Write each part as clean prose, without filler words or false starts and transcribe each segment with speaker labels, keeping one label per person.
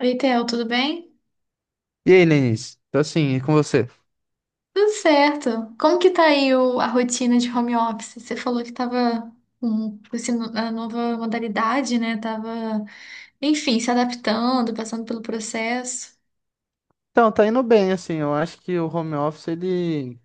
Speaker 1: Oi, Theo, tudo bem?
Speaker 2: E aí, Lenice? Tô assim, e com você?
Speaker 1: Tudo certo. Como que tá aí a rotina de home office? Você falou que tava com esse no- a nova modalidade, né? Tava, enfim, se adaptando, passando pelo processo.
Speaker 2: Então, tá indo bem, assim, eu acho que o home office, ele,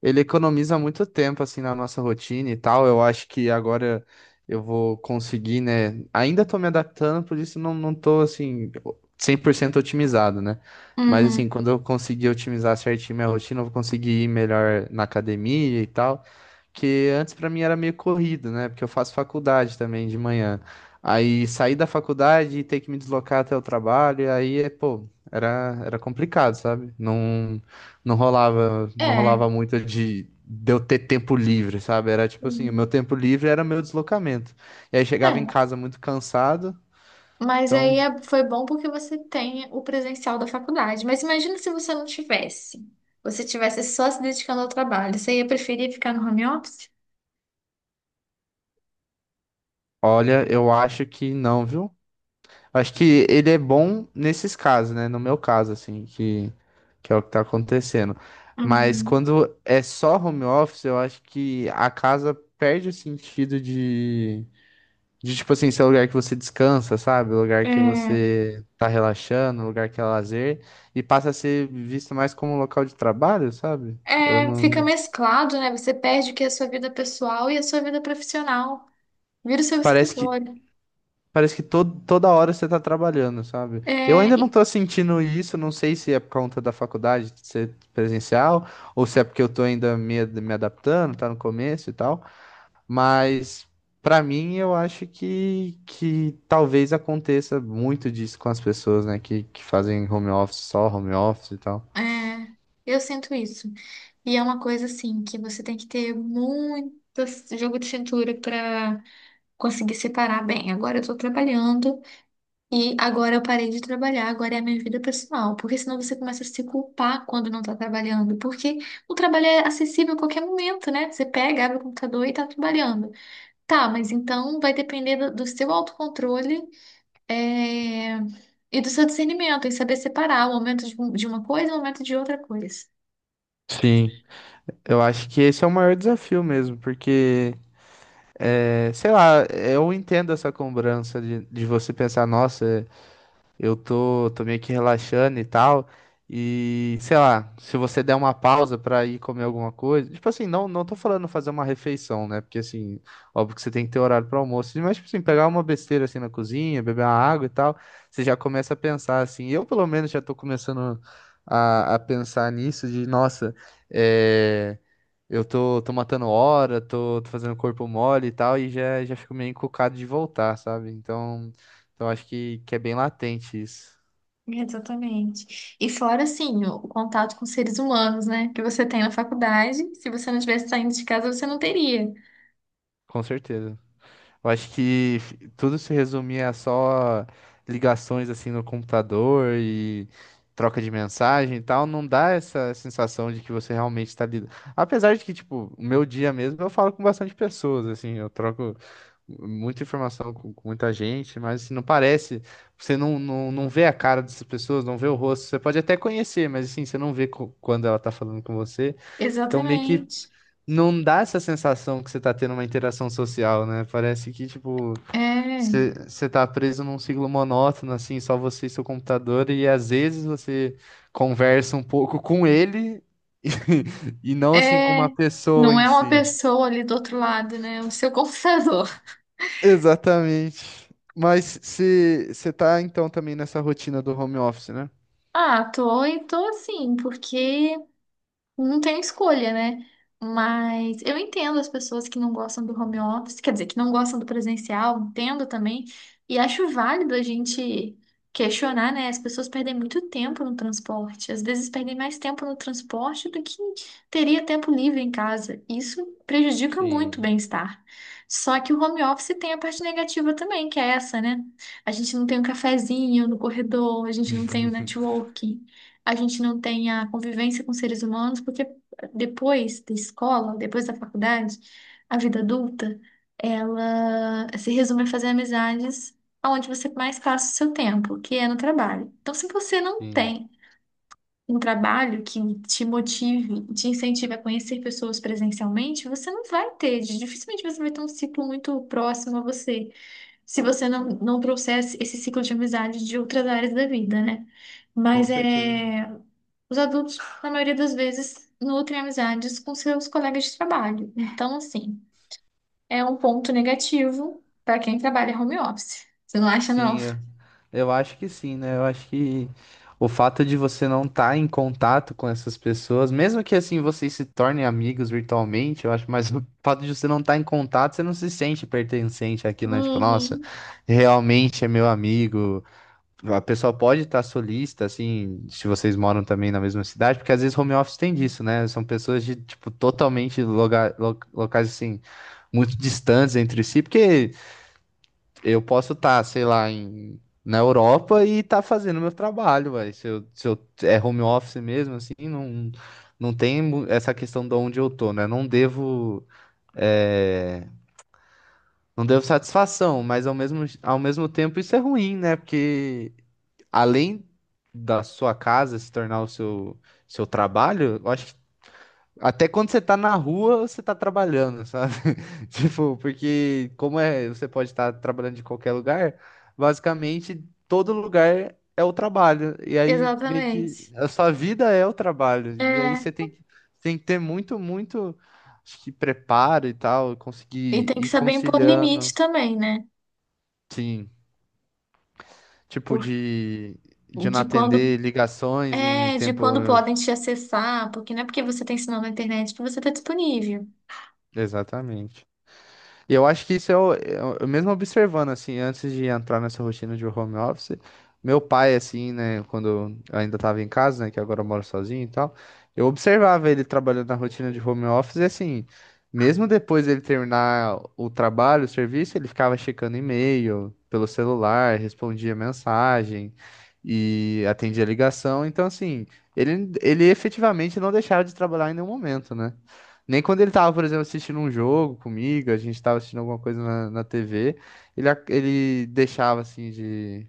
Speaker 2: ele economiza muito tempo, assim, na nossa rotina e tal, eu acho que agora eu vou conseguir, né, ainda tô me adaptando, por isso não tô, assim, 100% otimizado, né, mas, assim,
Speaker 1: Uhum.
Speaker 2: quando eu conseguir otimizar certinho minha rotina, eu vou conseguir ir melhor na academia e tal, que antes pra mim era meio corrido, né? Porque eu faço faculdade também de manhã. Aí sair da faculdade e ter que me deslocar até o trabalho, aí é, pô, era complicado, sabe? Não, não rolava, não
Speaker 1: É.
Speaker 2: rolava muito de eu ter tempo livre, sabe? Era tipo assim, o meu
Speaker 1: Hum,
Speaker 2: tempo livre era meu deslocamento. E aí chegava em
Speaker 1: É.
Speaker 2: casa muito cansado,
Speaker 1: Mas
Speaker 2: então,
Speaker 1: aí foi bom porque você tem o presencial da faculdade. Mas imagina se você não tivesse. Você tivesse só se dedicando ao trabalho. Você ia preferir ficar no home office?
Speaker 2: olha, eu acho que não, viu? Acho que ele é bom nesses casos, né? No meu caso, assim, que é o que tá acontecendo. Mas
Speaker 1: Uhum.
Speaker 2: quando é só home office, eu acho que a casa perde o sentido de tipo assim, ser o lugar que você descansa, sabe? O lugar que
Speaker 1: É.
Speaker 2: você tá relaxando, o lugar que é lazer, e passa a ser visto mais como um local de trabalho, sabe? Eu
Speaker 1: É, fica
Speaker 2: não.
Speaker 1: mesclado, né? Você perde o que é a sua vida pessoal e a sua vida profissional. Vira o seu
Speaker 2: Parece que
Speaker 1: escritório.
Speaker 2: Parece que todo, toda hora você tá trabalhando, sabe? Eu
Speaker 1: É,
Speaker 2: ainda não
Speaker 1: e-
Speaker 2: tô sentindo isso, não sei se é por conta da faculdade de ser presencial, ou se é porque eu tô ainda me adaptando, tá no começo e tal, mas pra mim eu acho que talvez aconteça muito disso com as pessoas, né, que fazem home office, só home office e tal.
Speaker 1: é, eu sinto isso. E é uma coisa assim que você tem que ter muito jogo de cintura para conseguir separar bem. Agora eu tô trabalhando e agora eu parei de trabalhar, agora é a minha vida pessoal. Porque senão você começa a se culpar quando não tá trabalhando. Porque o trabalho é acessível a qualquer momento, né? Você pega, abre o computador e tá trabalhando. Tá, mas então vai depender do seu autocontrole, é, e do seu discernimento, em saber separar o momento de uma coisa e o momento de outra coisa.
Speaker 2: Sim, eu acho que esse é o maior desafio mesmo, porque, é, sei lá, eu entendo essa cobrança de você pensar, nossa. Eu tô, tô meio que relaxando e tal. E, sei lá, se você der uma pausa pra ir comer alguma coisa. Tipo assim, não, não tô falando fazer uma refeição, né? Porque, assim, óbvio que você tem que ter horário para almoço. Mas, tipo assim, pegar uma besteira assim na cozinha, beber uma água e tal. Você já começa a pensar, assim. Eu, pelo menos, já tô começando a pensar nisso, de, nossa, é. Eu tô, tô matando hora, tô, tô fazendo corpo mole e tal, e já, já fico meio encucado de voltar, sabe? Então acho que é bem latente isso,
Speaker 1: Exatamente. E fora, assim, o contato com seres humanos, né? Que você tem na faculdade, se você não tivesse saindo de casa, você não teria.
Speaker 2: com certeza. Eu acho que tudo se resumia a só ligações assim no computador e troca de mensagem e tal, não dá essa sensação de que você realmente está lidando. Apesar de que, tipo, o meu dia mesmo eu falo com bastante pessoas, assim, eu troco muita informação com muita gente, mas assim, não parece, você não, não, não vê a cara dessas pessoas, não vê o rosto, você pode até conhecer, mas assim, você não vê quando ela tá falando com você, então meio que
Speaker 1: Exatamente.
Speaker 2: não dá essa sensação que você tá tendo uma interação social, né? Parece que, tipo,
Speaker 1: É,
Speaker 2: você tá preso num ciclo monótono, assim, só você e seu computador, e às vezes você conversa um pouco com ele e não, assim, com
Speaker 1: é.
Speaker 2: uma pessoa
Speaker 1: Não
Speaker 2: em
Speaker 1: é uma
Speaker 2: si.
Speaker 1: pessoa ali do outro lado, né? O seu computador.
Speaker 2: Exatamente. Mas se você tá, então, também nessa rotina do home office, né?
Speaker 1: Ah, tô, e tô assim, porque não tem escolha, né? Mas eu entendo as pessoas que não gostam do home office, quer dizer, que não gostam do presencial, entendo também. E acho válido a gente questionar, né? As pessoas perdem muito tempo no transporte. Às vezes perdem mais tempo no transporte do que teria tempo livre em casa. Isso prejudica muito o
Speaker 2: Sim.
Speaker 1: bem-estar. Só que o home office tem a parte negativa também, que é essa, né? A gente não tem um cafezinho no corredor, a gente não tem o networking, a gente não tem a convivência com seres humanos, porque depois da escola, depois da faculdade, a vida adulta, ela se resume a fazer amizades onde você mais passa o seu tempo, que é no trabalho. Então, se você não
Speaker 2: Sim,
Speaker 1: tem um trabalho que te motive, te incentive a conhecer pessoas presencialmente, você não vai ter, dificilmente você vai ter um ciclo muito próximo a você, se você não trouxer esse ciclo de amizade de outras áreas da vida, né?
Speaker 2: com
Speaker 1: Mas
Speaker 2: certeza.
Speaker 1: é. Os adultos, na maioria das vezes, nutrem amizades com seus colegas de trabalho. Então, assim, é um ponto negativo para quem trabalha home office. Você não acha, não?
Speaker 2: Sim, eu acho que sim, né? Eu acho que o fato de você não estar em contato com essas pessoas, mesmo que assim vocês se tornem amigos virtualmente, eu acho, mas o fato de você não estar em contato, você não se sente pertencente àquilo, né? Tipo, nossa,
Speaker 1: Uhum.
Speaker 2: realmente é meu amigo. A pessoa pode estar solista, assim, se vocês moram também na mesma cidade, porque às vezes home office tem disso, né? São pessoas de, tipo, totalmente locais assim muito distantes entre si, porque eu posso estar, sei lá, em, na Europa e estar fazendo meu trabalho, vai. Se eu é home office mesmo, assim, não, não tem essa questão de onde eu tô, né? Não devo, é, não devo satisfação, mas ao mesmo tempo isso é ruim, né? Porque além da sua casa se tornar seu trabalho, eu acho que até quando você tá na rua, você tá trabalhando, sabe? Tipo, porque como é, você pode estar trabalhando de qualquer lugar, basicamente todo lugar é o trabalho. E aí meio que
Speaker 1: Exatamente.
Speaker 2: a sua vida é o trabalho. E aí
Speaker 1: É,
Speaker 2: você tem que ter muito, acho que preparo e tal,
Speaker 1: e
Speaker 2: conseguir
Speaker 1: tem que
Speaker 2: ir
Speaker 1: saber impor limite
Speaker 2: conciliando,
Speaker 1: também, né?
Speaker 2: sim, tipo
Speaker 1: Por-
Speaker 2: de não
Speaker 1: de quando
Speaker 2: atender ligações em
Speaker 1: é, de
Speaker 2: tempo.
Speaker 1: quando podem te acessar, porque não é porque você tem sinal na internet que você está disponível.
Speaker 2: Exatamente. E eu acho que isso é o eu mesmo observando, assim, antes de entrar nessa rotina de home office, meu pai, assim, né, quando eu ainda tava em casa, né, que agora eu moro sozinho e tal, eu observava ele trabalhando na rotina de home office e, assim, mesmo depois dele terminar o trabalho, o serviço, ele ficava checando e-mail pelo celular, respondia mensagem e atendia ligação. Então, assim, ele efetivamente não deixava de trabalhar em nenhum momento, né? Nem quando ele tava, por exemplo, assistindo um jogo comigo, a gente tava assistindo alguma coisa na TV, ele deixava assim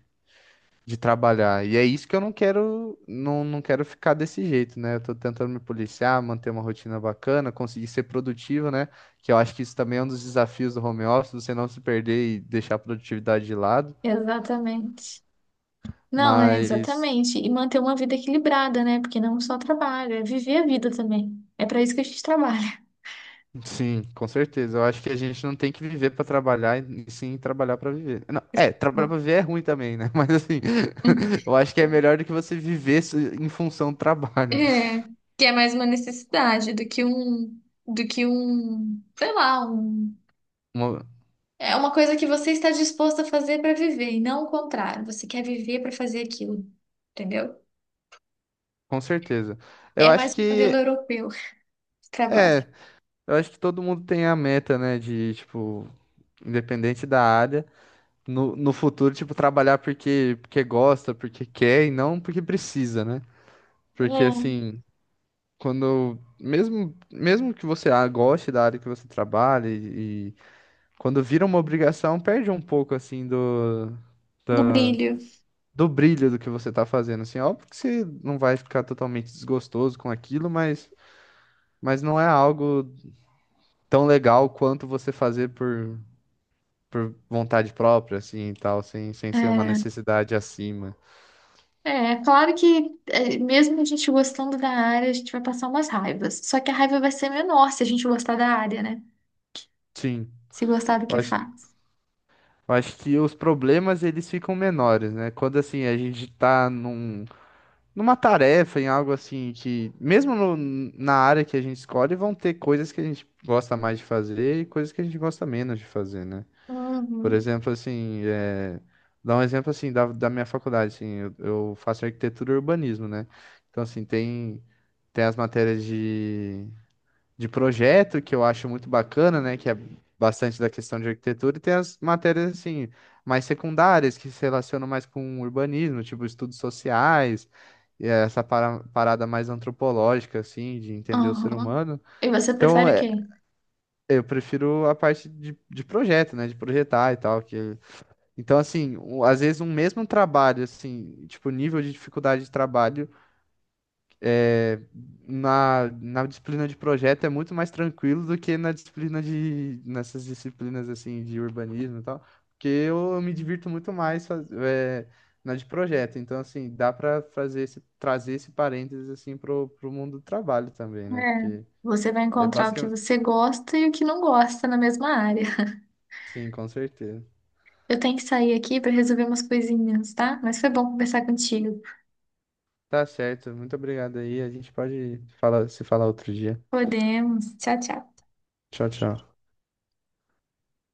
Speaker 2: de trabalhar. E é isso que eu não quero, não quero ficar desse jeito, né? Eu tô tentando me policiar, manter uma rotina bacana, conseguir ser produtivo, né? Que eu acho que isso também é um dos desafios do home office, você não se perder e deixar a produtividade de lado.
Speaker 1: Exatamente. Não, é
Speaker 2: Mas
Speaker 1: exatamente. E manter uma vida equilibrada, né? Porque não só trabalho, é viver a vida também. É para isso que a gente trabalha.
Speaker 2: Sim, com certeza. Eu acho que a gente não tem que viver pra trabalhar e sim trabalhar pra viver. Não, é, trabalhar pra viver é ruim também, né? Mas assim, eu acho que é melhor do que você viver em função do trabalho.
Speaker 1: É, que é mais uma necessidade do que um, sei lá, um,
Speaker 2: Uma-
Speaker 1: é uma coisa que você está disposto a fazer para viver e não o contrário. Você quer viver para fazer aquilo, entendeu?
Speaker 2: Com certeza.
Speaker 1: É
Speaker 2: Eu acho
Speaker 1: mais um modelo
Speaker 2: que
Speaker 1: europeu de trabalho.
Speaker 2: é, eu acho que todo mundo tem a meta, né, de tipo, independente da área, no futuro, tipo, trabalhar porque gosta, porque quer e não porque precisa, né? Porque
Speaker 1: É,
Speaker 2: assim, quando mesmo que você ah, goste da área que você trabalha e quando vira uma obrigação, perde um pouco assim do
Speaker 1: do brilho.
Speaker 2: do brilho do que você tá fazendo assim. Óbvio que você não vai ficar totalmente desgostoso com aquilo, mas não é algo tão legal quanto você fazer por vontade própria assim e tal, sem ser uma
Speaker 1: É,
Speaker 2: necessidade acima.
Speaker 1: é claro que é, mesmo a gente gostando da área, a gente vai passar umas raivas. Só que a raiva vai ser menor se a gente gostar da área, né?
Speaker 2: Sim.
Speaker 1: Se gostar do
Speaker 2: Eu
Speaker 1: que
Speaker 2: acho,
Speaker 1: faz.
Speaker 2: eu acho que os problemas eles ficam menores, né? Quando assim a gente tá numa tarefa, em algo assim que, mesmo no- na área que a gente escolhe, vão ter coisas que a gente gosta mais de fazer e coisas que a gente gosta menos de fazer, né? Por
Speaker 1: Uhum.
Speaker 2: exemplo, assim, é, dar um exemplo assim da minha faculdade, assim, eu faço arquitetura e urbanismo, né? Então, assim, tem as matérias de projeto, que eu acho muito bacana, né? Que é bastante da questão de arquitetura, e tem as matérias assim, mais secundárias, que se relacionam mais com urbanismo, tipo estudos sociais, e essa parada mais antropológica, assim, de entender o ser
Speaker 1: Uhum.
Speaker 2: humano.
Speaker 1: E você
Speaker 2: Então,
Speaker 1: prefere o
Speaker 2: é,
Speaker 1: quê?
Speaker 2: eu prefiro a parte de projeto, né? De projetar e tal. Que... Então, assim, às vezes um mesmo trabalho, assim, tipo, nível de dificuldade de trabalho. É, na disciplina de projeto é muito mais tranquilo do que na disciplina de, nessas disciplinas assim de urbanismo e tal, porque eu me divirto muito mais na de projeto. Então, assim, dá para fazer esse, trazer esse parênteses assim pro mundo do trabalho também, né?
Speaker 1: É,
Speaker 2: Porque
Speaker 1: você vai
Speaker 2: é
Speaker 1: encontrar o que
Speaker 2: basicamente.
Speaker 1: você gosta e o que não gosta na mesma área.
Speaker 2: Sim, com certeza.
Speaker 1: Eu tenho que sair aqui para resolver umas coisinhas, tá? Mas foi bom conversar contigo.
Speaker 2: Tá certo. Muito obrigado aí. A gente pode falar, se falar outro dia.
Speaker 1: Podemos. Tchau, tchau.
Speaker 2: Tchau, tchau.